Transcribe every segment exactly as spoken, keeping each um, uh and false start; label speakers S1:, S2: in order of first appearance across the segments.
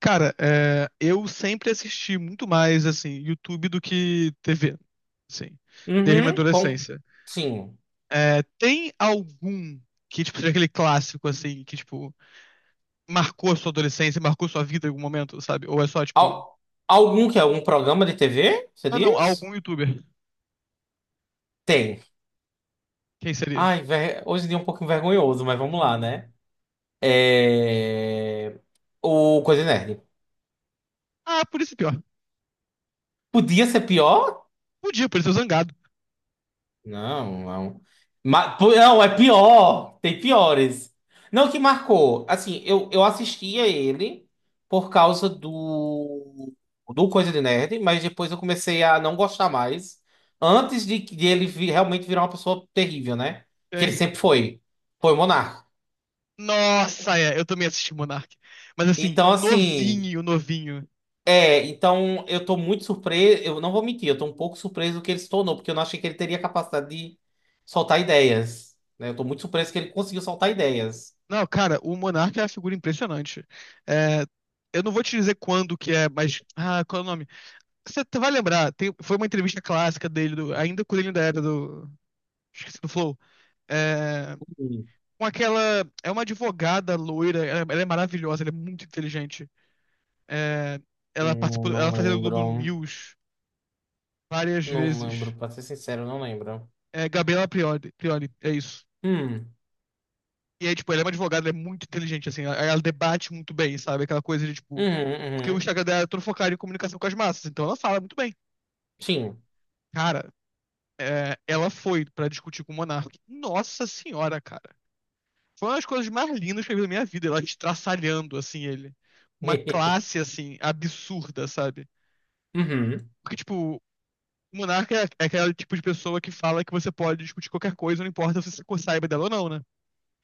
S1: Cara, é, eu sempre assisti muito mais, assim, YouTube do que T V, assim, desde minha
S2: Uhum, com...
S1: adolescência.
S2: Sim.
S1: É, tem algum que, tipo, seja aquele clássico, assim, que, tipo, marcou a sua adolescência, marcou sua vida em algum momento, sabe? Ou é só, tipo,
S2: Al- Algum que é algum programa de T V? Você
S1: não, não,
S2: diz?
S1: algum YouTuber.
S2: Tem.
S1: Quem seria?
S2: Ai, ver- hoje em dia é um pouco vergonhoso, mas vamos lá,
S1: E-
S2: né? É... O Coisa Nerd.
S1: Ah, por isso é pior.
S2: Podia ser pior?
S1: Podia, por isso é Zangado.
S2: Não, não. Ma- pu- não, é pior. Tem piores. Não, que marcou. Assim, eu, eu assistia ele por causa do, do Coisa de Nerd, mas depois eu comecei a não gostar mais. Antes de, que- de ele vi- realmente virar uma pessoa terrível, né? Que ele
S1: Tem.
S2: sempre foi. Foi o Monark.
S1: Nossa, é, eu também assisti Monark. Mas, assim,
S2: Então, assim.
S1: novinho, novinho.
S2: É, então eu tô muito surpreso, eu não vou mentir, eu tô um pouco surpreso que ele se tornou, porque eu não achei que ele teria capacidade de soltar ideias, né? Eu tô muito surpreso que ele conseguiu soltar ideias.
S1: Não, cara, o Monarca é uma figura impressionante. É, eu não vou te dizer quando que é, mas. Ah, qual é o nome? Você t- vai lembrar, tem- foi uma entrevista clássica dele, do- ainda quando ele ainda era do. Esqueci do Flow. É,
S2: Hum.
S1: com aquela. É uma advogada loira, ela, ela é maravilhosa, ela é muito inteligente. É, ela
S2: Hum,
S1: participou,
S2: não
S1: ela fazia o Globo
S2: lembro,
S1: News várias
S2: não lembro,
S1: vezes.
S2: pra ser sincero, eu não lembro.
S1: É, Gabriela Prioli, Prioli, é isso.
S2: Hum,
S1: E aí, tipo, ele é uma advogada, ela é muito inteligente, assim, ela, ela debate muito bem, sabe? Aquela coisa de, tipo,
S2: uhum,
S1: porque o
S2: uhum.
S1: Instagram dela é todo focado em comunicação com as massas, então ela fala muito bem.
S2: Sim.
S1: Cara, é, ela foi pra discutir com o Monark. Nossa senhora, cara. Foi uma das coisas mais lindas que eu vi na minha vida, ela estraçalhando, assim, ele. Uma classe, assim, absurda, sabe?
S2: Uhum.
S1: Porque, tipo, o Monark é, é aquele tipo de pessoa que fala que você pode discutir qualquer coisa, não importa se você saiba dela ou não, né?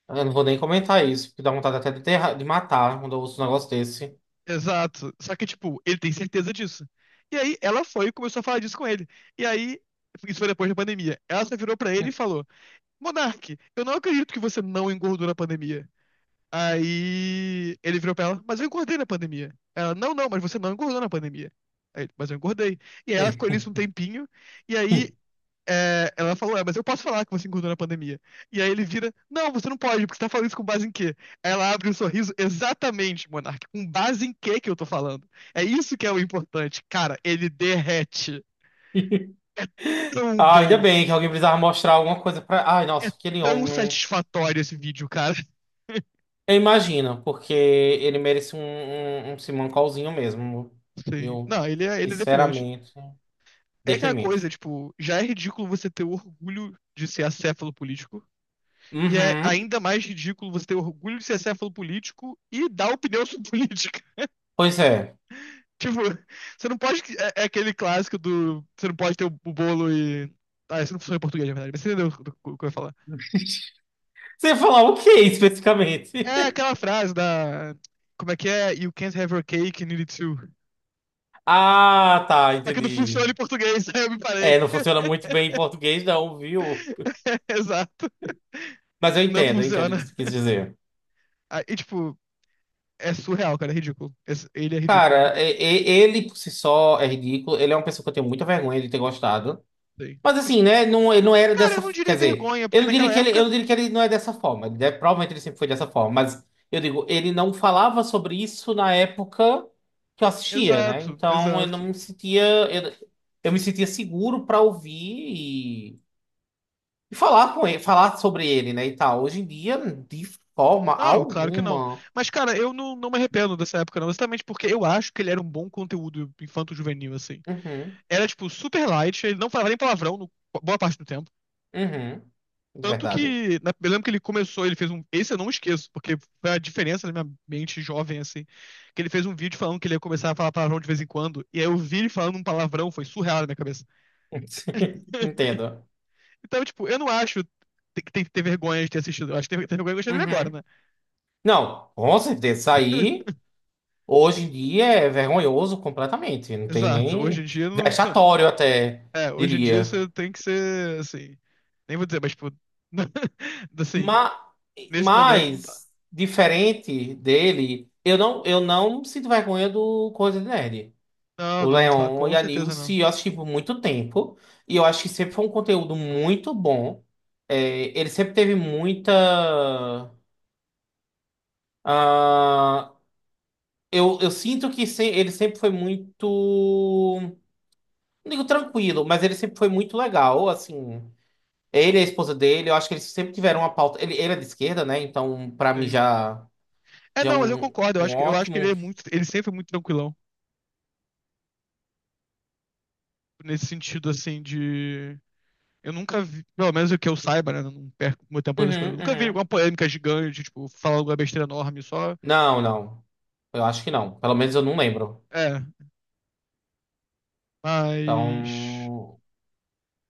S2: Eu não vou nem comentar isso, porque dá vontade até de, enterrar- de matar quando eu ouço um negócio desse.
S1: Exato. Só que, tipo, ele tem certeza disso. E aí ela foi e começou a falar disso com ele. E aí, isso foi depois da pandemia. Ela só virou pra ele e falou: Monark, eu não acredito que você não engordou na pandemia. Aí ele virou pra ela, mas eu engordei na pandemia. Ela, não, não, mas você não engordou na pandemia. Aí ele, mas eu engordei. E aí ela ficou nisso um tempinho. E aí é, ela falou, é, mas eu posso falar que você engordou na pandemia. E aí ele vira, não, você não pode, porque você tá falando isso com base em quê? Aí ela abre um sorriso, exatamente, Monark, com base em quê que eu tô falando? É isso que é o importante. Cara, ele derrete. Tão
S2: Ah, ainda
S1: bom.
S2: bem que alguém precisava mostrar alguma coisa pra. Ai,
S1: É
S2: nossa, aquele
S1: tão
S2: homem.
S1: satisfatório esse vídeo, cara.
S2: Eu imagino, porque ele merece um, um, um Simancolzinho mesmo,
S1: Sim.
S2: meu.
S1: Não, ele é, ele é deprimente.
S2: Sinceramente,
S1: É aquela coisa,
S2: deprimente.
S1: tipo, já é ridículo você ter orgulho de ser acéfalo político. E é
S2: Uhum.
S1: ainda mais ridículo você ter orgulho de ser acéfalo político e dar opinião sobre política.
S2: Pois é.
S1: Tipo, você não pode. É, é aquele clássico do. Você não pode ter o, o bolo e. Ah, isso não funciona em português, na verdade, mas você entendeu o que o que eu ia falar.
S2: Você ia falar o que especificamente?
S1: É aquela frase da. Como é que é? You can't have your cake and eat it too.
S2: Ah, tá,
S1: Só que não funciona
S2: entendi.
S1: em português, aí eu me parei.
S2: É, não funciona muito bem em português, não, viu?
S1: Exato.
S2: Mas eu
S1: Não
S2: entendo, eu entendo o que
S1: funciona.
S2: você quis dizer.
S1: Ah, E, tipo, é surreal, cara, é ridículo. Esse- Ele é ridículo. É.
S2: Cara, e- e- ele por si só é ridículo. Ele é uma pessoa que eu tenho muita vergonha de ter gostado.
S1: Sim.
S2: Mas assim, né? Não, ele não era
S1: Cara, eu
S2: dessa.
S1: não diria
S2: Quer dizer,
S1: vergonha,
S2: eu
S1: porque
S2: não
S1: naquela
S2: diria que ele,
S1: época.
S2: eu não diria que ele não é dessa forma. Ele deve- provavelmente ele sempre foi dessa forma. Mas eu digo, ele não falava sobre isso na época que eu assistia, né?
S1: Exato,
S2: Então eu não
S1: exato.
S2: me sentia. Eu, eu me sentia seguro para ouvir e, e falar com ele, falar sobre ele, né? E tal. Hoje em dia, de forma
S1: Não, claro que não.
S2: alguma.
S1: Mas, cara, eu não, não me arrependo dessa época, não. Exatamente porque eu acho que ele era um bom conteúdo infanto-juvenil, assim.
S2: Uhum,
S1: Era, tipo, super light, ele não falava nem palavrão no- boa parte do tempo.
S2: uhum. De
S1: Tanto
S2: verdade.
S1: que, na, eu lembro que ele começou, ele fez um. Esse eu não esqueço, porque foi a diferença na minha mente jovem, assim. Que ele fez um vídeo falando que ele ia começar a falar palavrão de vez em quando. E aí eu vi ele falando um palavrão, foi surreal na minha cabeça.
S2: Entendo.
S1: Então, tipo, eu não acho que tem que ter vergonha de ter assistido. Eu acho que tem que ter vergonha de gostar dele agora,
S2: Uhum.
S1: né?
S2: Não, com certeza, isso aí. Hoje em dia é vergonhoso completamente, não tem
S1: Exato. Hoje em
S2: nem
S1: dia, não.
S2: vexatório até,
S1: É, hoje em dia
S2: diria.
S1: você tem que ser, assim, nem vou dizer, mas tipo, assim,
S2: Mas,
S1: nesse momento não dá.
S2: mas diferente dele, eu não, eu não sinto vergonha do Coisa de Nerd.
S1: Não,
S2: O
S1: não, tá-
S2: Leon
S1: com
S2: e a
S1: certeza não.
S2: Nilce eu assisti por muito tempo e eu acho que sempre foi um conteúdo muito bom. É, ele sempre teve muita. Ah, eu, eu sinto que se- ele sempre foi muito. Não digo tranquilo, mas ele sempre foi muito legal, assim. Ele e a esposa dele, eu acho que eles sempre tiveram uma pauta. Ele, ele é de esquerda, né? Então, pra mim,
S1: Sim.
S2: já,
S1: É,
S2: já é
S1: não, mas eu
S2: um,
S1: concordo, eu
S2: um
S1: acho que, eu acho
S2: ótimo.
S1: que ele é muito, ele sempre foi muito tranquilão, nesse sentido, assim, de... Eu nunca vi, pelo menos o que eu saiba, né, não perco meu tempo das coisas,
S2: Uhum,
S1: eu nunca vi
S2: uhum.
S1: alguma polêmica gigante, tipo, falar alguma besteira enorme, só...
S2: Não, não. Eu acho que não. Pelo menos eu não lembro.
S1: É, mas...
S2: Então,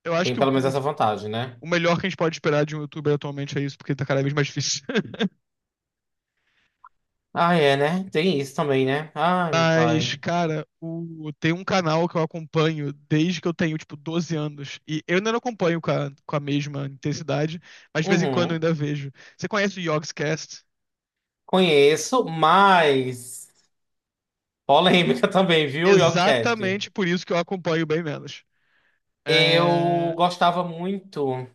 S1: Eu acho
S2: tem
S1: que o,
S2: pelo menos
S1: o
S2: essa vantagem, né?
S1: o melhor que a gente pode esperar de um youtuber atualmente é isso, porque tá cada vez mais difícil.
S2: Ah, é, né? Tem isso também, né? Ai, meu
S1: Mas,
S2: pai.
S1: cara, o... tem um canal que eu acompanho desde que eu tenho, tipo, doze anos. E eu ainda não acompanho com a, com a mesma intensidade, mas de vez em quando eu
S2: Uhum.
S1: ainda vejo. Você conhece o Yogscast?
S2: Conheço, mas. Polêmica também, viu, Yorkcast?
S1: Exatamente por isso que eu acompanho bem menos.
S2: Eu
S1: É...
S2: gostava muito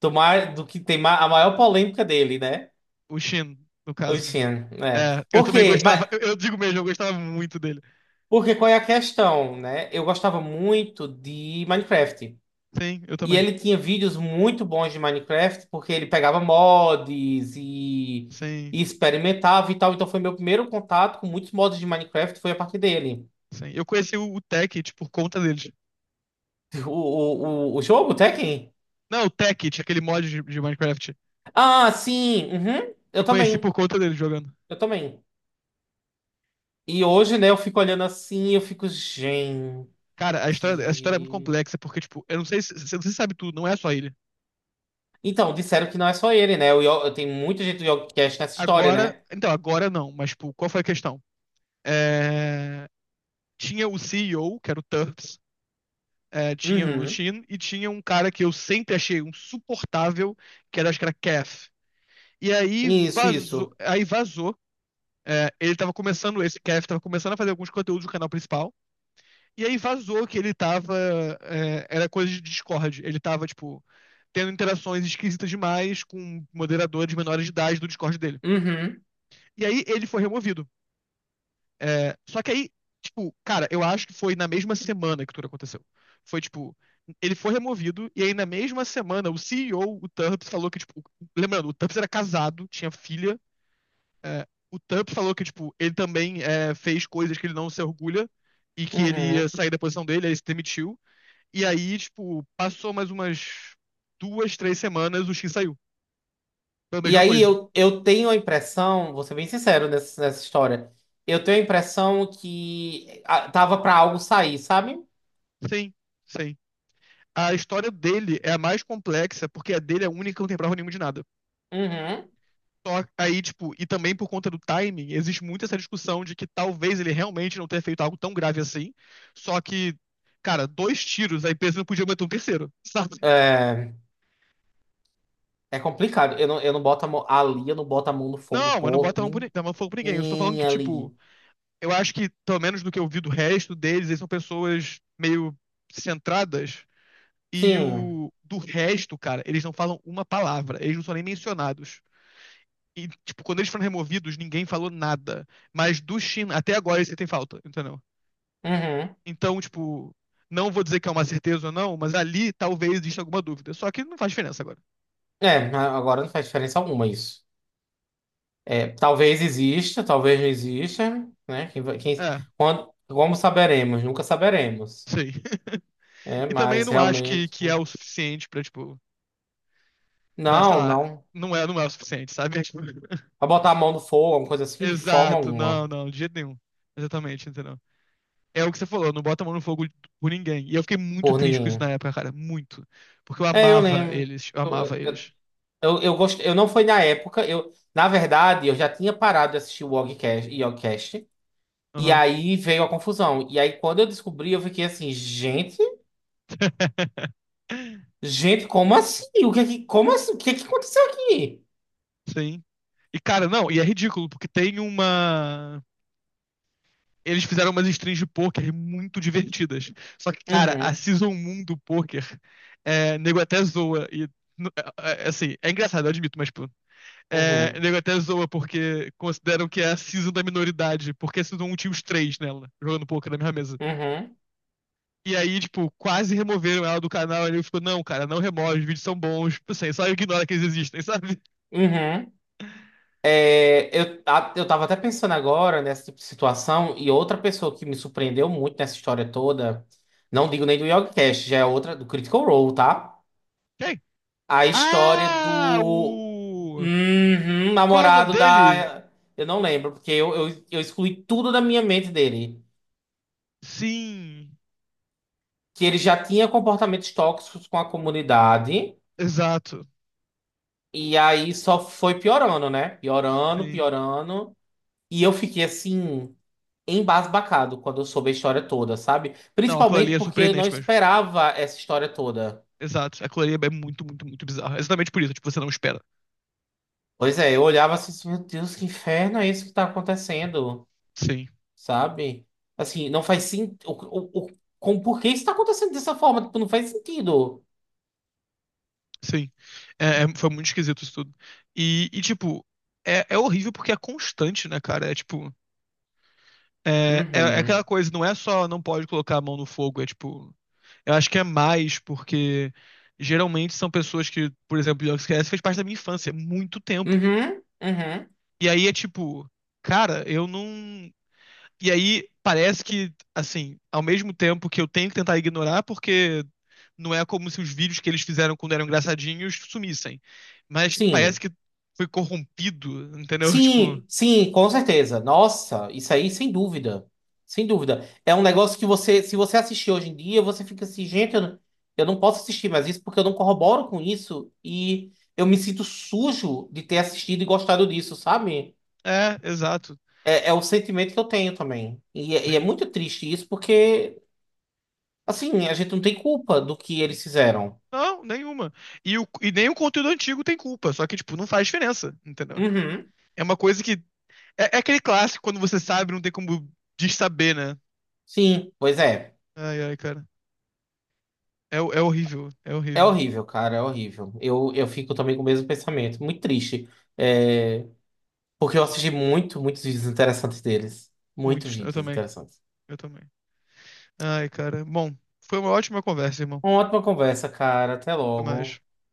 S2: do, mais, do que tem ma- a maior polêmica dele, né?
S1: O Shin, no caso, né?
S2: Oxi, né?
S1: É, eu também
S2: Porque,
S1: gostava, eu, eu digo mesmo, eu gostava muito dele.
S2: porque qual é a questão, né? Eu gostava muito de Minecraft.
S1: Sim, eu
S2: E
S1: também.
S2: ele tinha vídeos muito bons de Minecraft, porque ele pegava mods e,
S1: Sim,
S2: e experimentava e tal. Então foi meu primeiro contato com muitos mods de Minecraft, foi a partir dele.
S1: sim. Eu conheci o, o Tekkit por conta deles.
S2: O, o, o, o jogo, o Tekken?
S1: Não, o Tekkit, aquele mod de, de Minecraft.
S2: Ah, sim. Uhum,
S1: Eu
S2: eu
S1: conheci por
S2: também.
S1: conta dele jogando.
S2: Eu também. E hoje, né, eu fico olhando assim, eu fico, gente.
S1: Cara, a história, essa história é muito complexa, porque, tipo, eu não sei se você sabe tudo, não é só ele.
S2: Então, disseram que não é só ele, né? Eu, eu, tem muita gente do Yogcast nessa história,
S1: Agora,
S2: né?
S1: então, agora não, mas, tipo, qual foi a questão? É, tinha o C E O, que era o Turps, é, tinha o
S2: Uhum.
S1: Shin, e tinha um cara que eu sempre achei insuportável, que era, acho que era Kef. E aí
S2: Isso,
S1: vazou,
S2: isso.
S1: aí vazou, é, ele tava começando, esse Kef tava começando a fazer alguns conteúdos do canal principal. E aí vazou que ele tava. É, era coisa de Discord. Ele tava, tipo, tendo interações esquisitas demais com moderadores menores de idade do Discord dele.
S2: Uhum,
S1: E aí ele foi removido. É, só que aí, tipo, cara, eu acho que foi na mesma semana que tudo aconteceu. Foi, tipo, ele foi removido, e aí na mesma semana o C E O, o o Turps, falou que, tipo. Lembrando, o Turps era casado, tinha filha. É, o Turps falou que, tipo, ele também é, fez coisas que ele não se orgulha e que ele
S2: uhum.
S1: ia sair da posição dele, aí ele se demitiu. E aí, tipo, passou mais umas duas, três semanas, o X saiu. Foi a
S2: E
S1: mesma
S2: aí
S1: coisa.
S2: eu, eu tenho a impressão, vou ser bem sincero nessa, nessa história, eu tenho a impressão que ah, tava pra algo sair, sabe?
S1: Sim, sim. A história dele é a mais complexa, porque a dele é a única que não tem prova nenhuma de nada.
S2: Uhum.
S1: Só aí, tipo, e também por conta do timing, existe muito essa discussão de que talvez ele realmente não tenha feito algo tão grave assim. Só que, cara, dois tiros, a empresa não podia meter um terceiro, sabe?
S2: É, é complicado. Eu não, eu não boto a mão ali, eu não boto a mão no fogo
S1: Não, mas não
S2: por
S1: bota a mão, por, ni- a mão fogo pra ninguém. Eu estou falando
S2: ninguém
S1: que, tipo,
S2: ali.
S1: eu acho que, pelo menos do que eu vi do resto deles, eles são pessoas meio centradas. E
S2: Sim.
S1: o do resto, cara, eles não falam uma palavra, eles não são nem mencionados. E, tipo, quando eles foram removidos, ninguém falou nada. Mas do Shin, até agora você tem falta, entendeu?
S2: Uhum.
S1: Então, tipo, não vou dizer que é uma certeza ou não, mas ali talvez exista alguma dúvida. Só que não faz diferença agora.
S2: É, a- agora não faz diferença alguma isso. É, talvez exista, talvez não exista, né? Quem, vai- quem,
S1: É,
S2: quando, como saberemos? Nunca saberemos.
S1: sei.
S2: É,
S1: E também
S2: mas
S1: não acho que,
S2: realmente.
S1: que é o suficiente pra, tipo, pra, sei
S2: Não,
S1: lá,
S2: não.
S1: não é, não é o suficiente, sabe?
S2: Pra botar a mão no fogo, alguma coisa assim, de forma
S1: Exato,
S2: alguma.
S1: não, não, de jeito nenhum. Exatamente, entendeu? É o que você falou, não bota a mão no fogo por ninguém. E eu fiquei muito
S2: Por
S1: triste com isso na
S2: ninguém.
S1: época, cara. Muito. Porque eu
S2: É, eu
S1: amava
S2: lembro.
S1: eles. Eu amava
S2: Eu, eu,
S1: eles.
S2: eu, eu gostei. Eu não foi na época. Eu, na verdade, eu já tinha parado de assistir o Yogicast, Yogicast. E
S1: Aham.
S2: aí veio a confusão. E aí, quando eu descobri, eu fiquei assim, gente, gente, como assim? O que é que, como assim? O que é que aconteceu aqui?
S1: Sim. E, cara, não, e é ridículo, porque tem uma. Eles fizeram umas strings de pôquer muito divertidas. Só que, cara, a
S2: Uhum,
S1: Season um do pôquer, é, nego até zoa. E, n- é, é, é, assim, é engraçado, eu admito, mas, tipo, é,
S2: uhum,
S1: nego até zoa porque consideram que é a Season da minoridade, porque a Season um tinha os três nela, jogando pôquer na mesma mesa.
S2: uhum,
S1: E aí, tipo, quase removeram ela do canal. Ele ficou, não, cara, não remove, os vídeos são bons. Tipo assim, só ignora que eles existem, sabe?
S2: uhum. É, eu, a- eu tava até pensando agora nessa tipo de situação, e outra pessoa que me surpreendeu muito nessa história toda, não digo nem do YogiCast, já é outra, do Critical Role, tá?
S1: Quem?
S2: A história
S1: Ah,
S2: do
S1: o.
S2: uhum,
S1: Qual é o nome
S2: namorado
S1: dele?
S2: da. Eu não lembro, porque eu, eu, eu excluí tudo da minha mente dele.
S1: Sim,
S2: Que ele já tinha comportamentos tóxicos com a comunidade,
S1: exato.
S2: e aí só foi piorando, né? Piorando,
S1: Sim.
S2: piorando. E eu fiquei assim, embasbacado quando eu soube a história toda, sabe?
S1: Não, aquilo ali
S2: Principalmente
S1: é
S2: porque eu não
S1: surpreendente mesmo.
S2: esperava essa história toda.
S1: Exato. Aquilo ali é muito, muito, muito bizarro. É exatamente por isso, tipo, você não espera.
S2: Pois é, eu olhava assim, assim, meu Deus, que inferno é isso que tá acontecendo,
S1: Sim,
S2: sabe? Assim, não faz sentido. O, o, o- com, por que isso tá acontecendo dessa forma? Tipo, não faz sentido.
S1: sim. É, é- foi muito esquisito isso tudo. E, e, tipo, é, é horrível porque é constante, né, cara? É tipo. É, é, é aquela
S2: Uhum.
S1: coisa, não é só não pode colocar a mão no fogo, é tipo. Eu acho que é mais porque geralmente são pessoas que, por exemplo, o Yogscast fez parte da minha infância, é muito tempo.
S2: Uhum. Uhum.
S1: E aí é tipo, cara, eu não. E aí parece que, assim, ao mesmo tempo que eu tenho que tentar ignorar, porque não é como se os vídeos que eles fizeram quando eram engraçadinhos sumissem. Mas parece
S2: Sim.
S1: que foi corrompido, entendeu? Tipo,
S2: Sim, sim, com certeza. Nossa, isso aí sem dúvida. Sem dúvida. É um negócio que você, se você assistir hoje em dia, você fica assim, gente, eu não, eu não posso assistir mais isso porque eu não corroboro com isso e eu me sinto sujo de ter assistido e gostado disso, sabe?
S1: é, exato,
S2: É, é o sentimento que eu tenho também. E, é- e é
S1: sim.
S2: muito triste isso porque, assim, a gente não tem culpa do que eles fizeram.
S1: Não, nenhuma. E, o, e nem o conteúdo antigo tem culpa, só que, tipo, não faz diferença, entendeu?
S2: Uhum.
S1: É uma coisa que É, é aquele clássico, quando você sabe, não tem como dessaber, né?
S2: Sim, pois é.
S1: Ai, ai, cara. É, é horrível, é
S2: É
S1: horrível.
S2: horrível, cara, é horrível. Eu, eu fico também com o mesmo pensamento. Muito triste. É, porque eu assisti muito, muitos vídeos interessantes deles. Muito
S1: Muitos, eu
S2: vídeos
S1: também,
S2: interessantes.
S1: eu também. Ai, cara. Bom, foi uma ótima conversa, irmão.
S2: Uma ótima conversa, cara. Até
S1: Até mais.
S2: logo.